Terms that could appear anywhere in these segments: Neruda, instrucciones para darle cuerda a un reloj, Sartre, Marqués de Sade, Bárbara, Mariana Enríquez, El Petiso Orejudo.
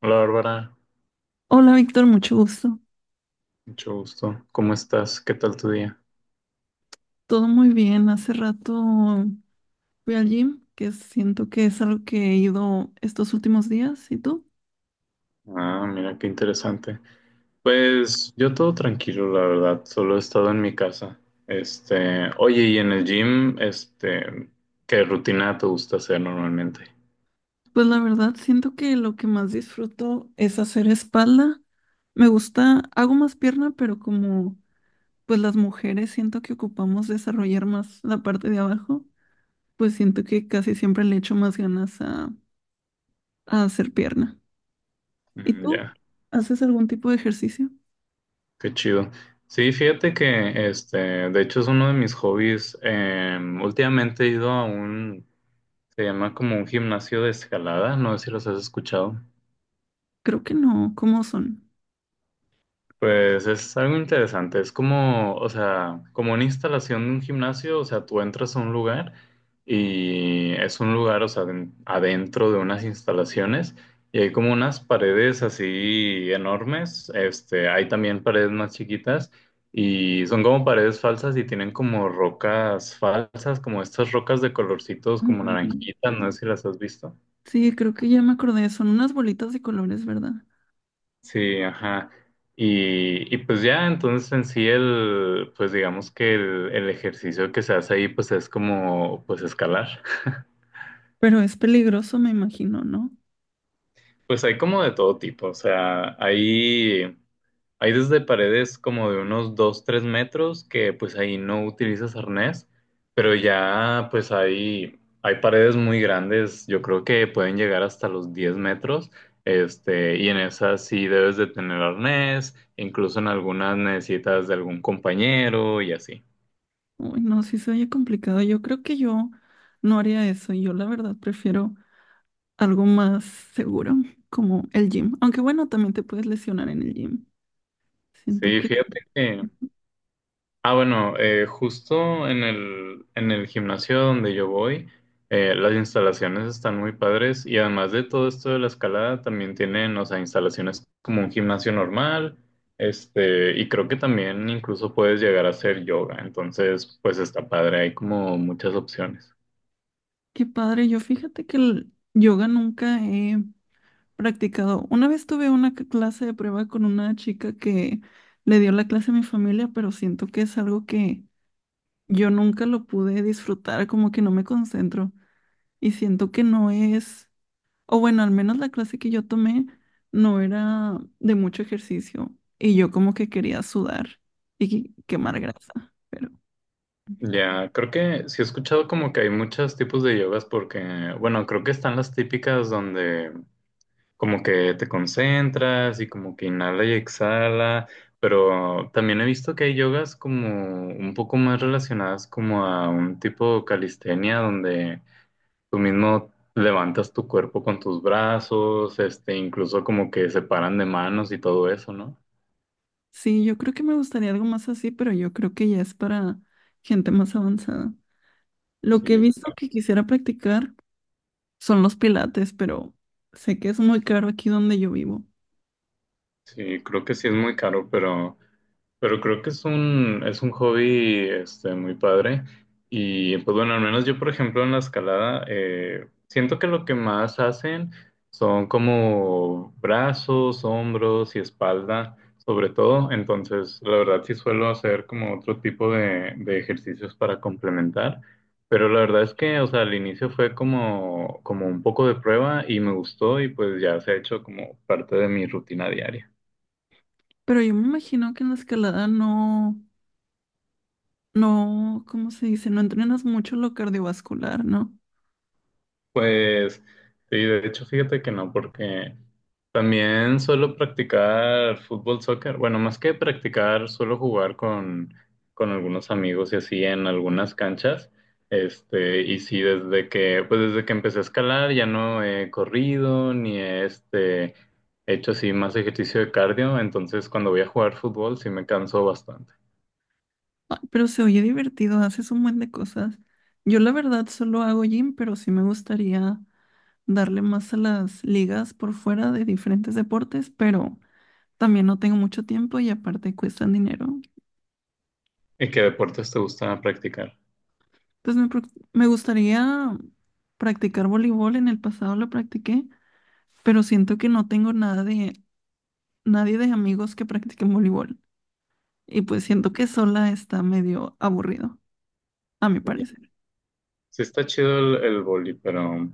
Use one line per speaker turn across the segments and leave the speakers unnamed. Hola Bárbara,
Hola Víctor, mucho gusto.
mucho gusto. ¿Cómo estás? ¿Qué tal tu día?
Todo muy bien. Hace rato fui al gym, que siento que es algo que he ido estos últimos días. ¿Y tú?
Ah, mira qué interesante. Pues yo todo tranquilo, la verdad. Solo he estado en mi casa. Oye, y en el gym, ¿qué rutina te gusta hacer normalmente?
Pues la verdad, siento que lo que más disfruto es hacer espalda. Me gusta, hago más pierna, pero como pues las mujeres siento que ocupamos desarrollar más la parte de abajo, pues siento que casi siempre le echo más ganas a hacer pierna. ¿Y
Mm,
tú?
ya,
¿Haces algún tipo de ejercicio?
qué chido. Sí, fíjate que, de hecho es uno de mis hobbies. Últimamente he ido a un, se llama como un gimnasio de escalada. No sé si los has escuchado.
Creo que no. ¿Cómo son?
Pues es algo interesante, es como, o sea, como una instalación de un gimnasio, o sea, tú entras a un lugar y es un lugar, o sea, adentro de unas instalaciones y hay como unas paredes así enormes, hay también paredes más chiquitas y son como paredes falsas y tienen como rocas falsas, como estas rocas de colorcitos como naranjitas, no sé si las has visto.
Sí, creo que ya me acordé, son unas bolitas de colores, ¿verdad?
Sí, ajá. Y pues ya, entonces en sí pues digamos que el ejercicio que se hace ahí pues es como pues escalar.
Pero es peligroso, me imagino, ¿no?
Pues hay como de todo tipo, o sea, hay desde paredes como de unos 2 3 metros que pues ahí no utilizas arnés, pero ya pues hay paredes muy grandes, yo creo que pueden llegar hasta los 10 metros, y en esas sí debes de tener arnés, incluso en algunas necesitas de algún compañero y así.
Uy, no, sí se oye complicado. Yo creo que yo no haría eso. Yo la verdad prefiero algo más seguro, como el gym. Aunque bueno, también te puedes lesionar en el gym. Siento
Sí,
que
fíjate que. Ah, bueno, justo en el gimnasio donde yo voy, las instalaciones están muy padres y además de todo esto de la escalada, también tienen, o sea, instalaciones como un gimnasio normal, y creo que también incluso puedes llegar a hacer yoga, entonces, pues está padre, hay como muchas opciones.
qué padre. Yo fíjate que el yoga nunca he practicado. Una vez tuve una clase de prueba con una chica que le dio la clase a mi familia, pero siento que es algo que yo nunca lo pude disfrutar, como que no me concentro y siento que no es, o bueno, al menos la clase que yo tomé no era de mucho ejercicio y yo como que quería sudar y
Em,
quemar grasa, pero
Ya, creo que sí he escuchado como que hay muchos tipos de yogas porque, bueno, creo que están las típicas donde como que te concentras y como que inhala y exhala, pero también he visto que hay yogas como un poco más relacionadas como a un tipo de calistenia donde tú mismo levantas tu cuerpo con tus brazos, incluso como que se paran de manos y todo eso, ¿no?
sí, yo creo que me gustaría algo más así, pero yo creo que ya es para gente más avanzada. Lo que
Sí,
he visto que quisiera practicar son los pilates, pero sé que es muy caro aquí donde yo vivo,
sí, creo que sí es muy caro, pero. Pero creo que es un hobby muy padre. Y pues bueno, al menos yo, por ejemplo, en la escalada, siento que lo que más hacen son como brazos, hombros y espalda, sobre todo. Entonces, la verdad sí suelo hacer como otro tipo de ejercicios para complementar. Pero la verdad es que, o sea, al inicio fue como un poco de prueba y me gustó y pues ya se ha hecho como parte de mi rutina diaria.
pero yo me imagino que en la escalada no. No, ¿cómo se dice? No entrenas mucho lo cardiovascular, ¿no?
Pues sí, de hecho fíjate que no, porque también suelo practicar fútbol, soccer. Bueno, más que practicar, suelo jugar con algunos amigos y así en algunas canchas. Y sí, desde que empecé a escalar ya no he corrido ni he hecho así más ejercicio de cardio. Entonces cuando voy a jugar fútbol sí me canso bastante.
Ay, pero se oye divertido, haces un buen de cosas. Yo la verdad solo hago gym, pero sí me gustaría darle más a las ligas por fuera de diferentes deportes, pero también no tengo mucho tiempo y aparte cuestan dinero.
¿Y qué deportes te gusta practicar?
Entonces me gustaría practicar voleibol, en el pasado lo practiqué, pero siento que no tengo nada de, nadie de amigos que practiquen voleibol y pues siento que sola está medio aburrido, a mi
Ya.
parecer.
Sí está chido el vóley, pero.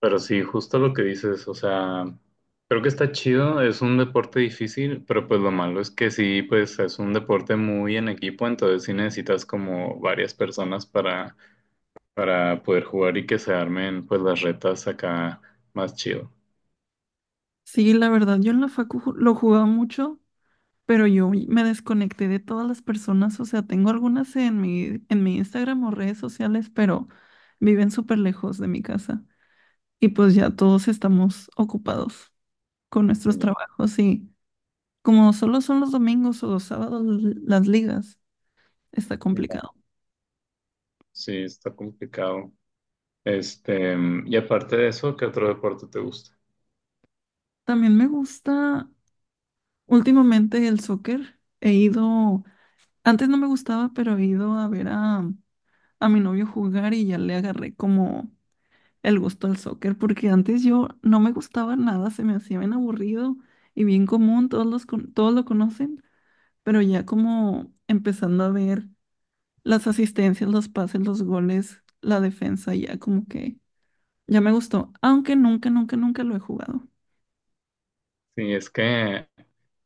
Pero sí, justo lo que dices, o sea, creo que está chido, es un deporte difícil, pero pues lo malo es que sí, pues es un deporte muy en equipo, entonces sí necesitas como varias personas para poder jugar y que se armen pues las retas acá más chido.
Sí, la verdad, yo en la facu lo jugaba mucho, pero yo me desconecté de todas las personas, o sea, tengo algunas en mi Instagram o redes sociales, pero viven súper lejos de mi casa y pues ya todos estamos ocupados con nuestros
Ya,
trabajos y como solo son los domingos o los sábados las ligas, está
ya.
complicado.
Sí, está complicado. Este, y aparte de eso, ¿qué otro deporte te gusta?
También me gusta últimamente el soccer, he ido, antes no me gustaba, pero he ido a ver a mi novio jugar y ya le agarré como el gusto al soccer, porque antes yo no me gustaba nada, se me hacía bien aburrido y bien común, todos los todos lo conocen, pero ya como empezando a ver las asistencias, los pases, los goles, la defensa, ya como que ya me gustó, aunque nunca, nunca, nunca lo he jugado.
Sí, es que,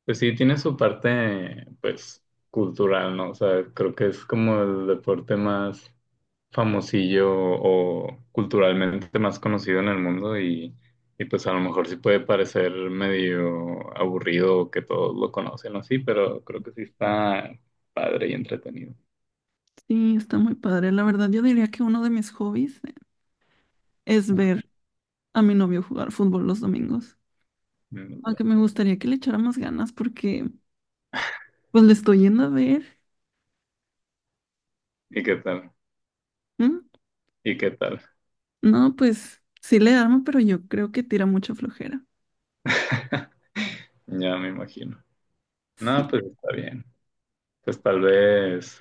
pues sí, tiene su parte, pues, cultural, ¿no? O sea, creo que es como el deporte más famosillo o culturalmente más conocido en el mundo y pues a lo mejor sí puede parecer medio aburrido o que todos lo conocen o así, pero creo que sí está padre y entretenido.
Sí, está muy padre. La verdad, yo diría que uno de mis hobbies es
Ah,
ver a mi novio jugar fútbol los domingos.
mm, ya.
Aunque me gustaría que le echara más ganas porque pues le estoy yendo a ver.
¿Y qué tal?
Mm.
¿Y qué tal?
No, pues sí le armo, pero yo creo que tira mucha flojera.
Ya me imagino.
Sí,
No, pues está bien. Pues tal vez.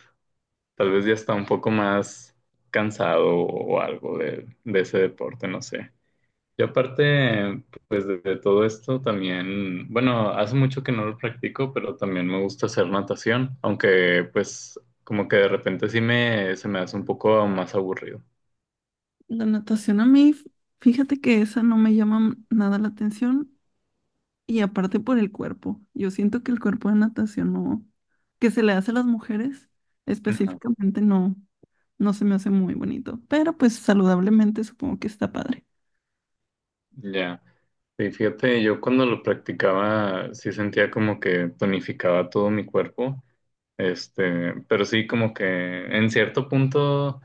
Tal vez ya está un poco más cansado o algo de ese deporte, no sé. Y aparte, pues de todo esto también, bueno, hace mucho que no lo practico, pero también me gusta hacer natación, aunque pues como que de repente se me hace un poco más aburrido.
la natación a mí, fíjate que esa no me llama nada la atención y aparte por el cuerpo. Yo siento que el cuerpo de natación no, que se le hace a las mujeres
Ajá.
específicamente no, no se me hace muy bonito, pero pues saludablemente supongo que está padre.
Ya. Sí, fíjate, yo cuando lo practicaba sí sentía como que tonificaba todo mi cuerpo, pero sí como que en cierto punto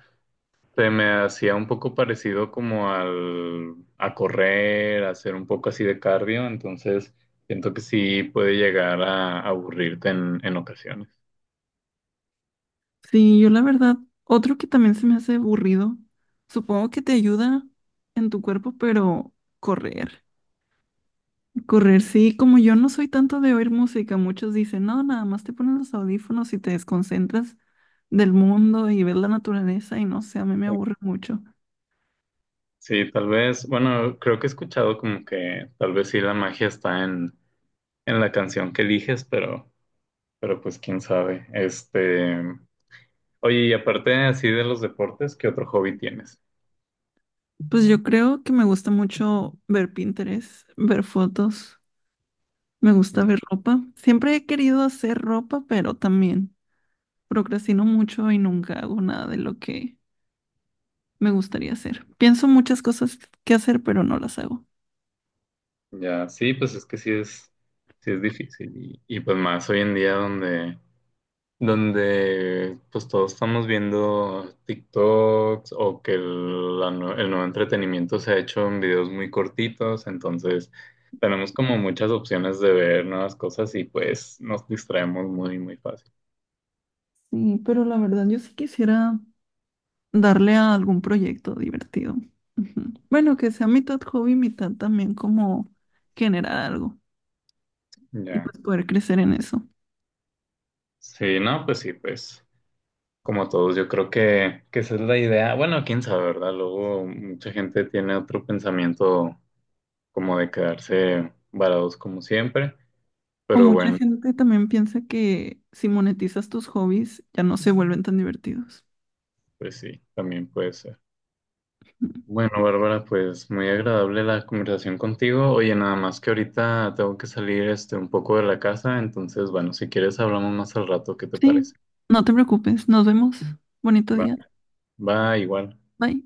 se me hacía un poco parecido como a correr, a hacer un poco así de cardio, entonces siento que sí puede llegar a aburrirte en ocasiones.
Sí, yo la verdad, otro que también se me hace aburrido, supongo que te ayuda en tu cuerpo, pero correr. Correr, sí, como yo no soy tanto de oír música, muchos dicen, no, nada más te pones los audífonos y te desconcentras del mundo y ves la naturaleza y no sé, a mí me aburre mucho.
Sí, tal vez, bueno, creo que he escuchado como que tal vez sí la magia está en la canción que eliges, pero pues quién sabe. Oye, y aparte así de los deportes, ¿qué otro hobby tienes?
Pues yo creo que me gusta mucho ver Pinterest, ver fotos, me gusta ver ropa. Siempre he querido hacer ropa, pero también procrastino mucho y nunca hago nada de lo que me gustaría hacer. Pienso muchas cosas que hacer, pero no las hago.
Ya, sí, pues es que sí es difícil y pues más hoy en día donde pues todos estamos viendo TikToks o que el nuevo entretenimiento se ha hecho en videos muy cortitos, entonces tenemos como muchas opciones de ver nuevas cosas y pues nos distraemos muy, muy fácil.
Sí, pero la verdad yo sí quisiera darle a algún proyecto divertido. Ujú. Bueno, que sea mitad hobby, mitad también como generar algo y
Ya.
pues poder crecer en eso.
Sí, no, pues sí, pues como todos, yo creo que esa es la idea. Bueno, quién sabe, ¿verdad? Luego mucha gente tiene otro pensamiento como de quedarse varados como siempre,
O
pero
mucha
bueno,
gente también piensa que si monetizas tus hobbies ya no se vuelven tan divertidos.
pues sí, también puede ser.
Ujú.
Bueno, Bárbara, pues muy agradable la conversación contigo. Oye, nada más que ahorita tengo que salir un poco de la casa, entonces, bueno, si quieres hablamos más al rato, ¿qué te
Sí,
parece?
no te preocupes, nos vemos. Bonito
Va,
día.
va igual.
Bye.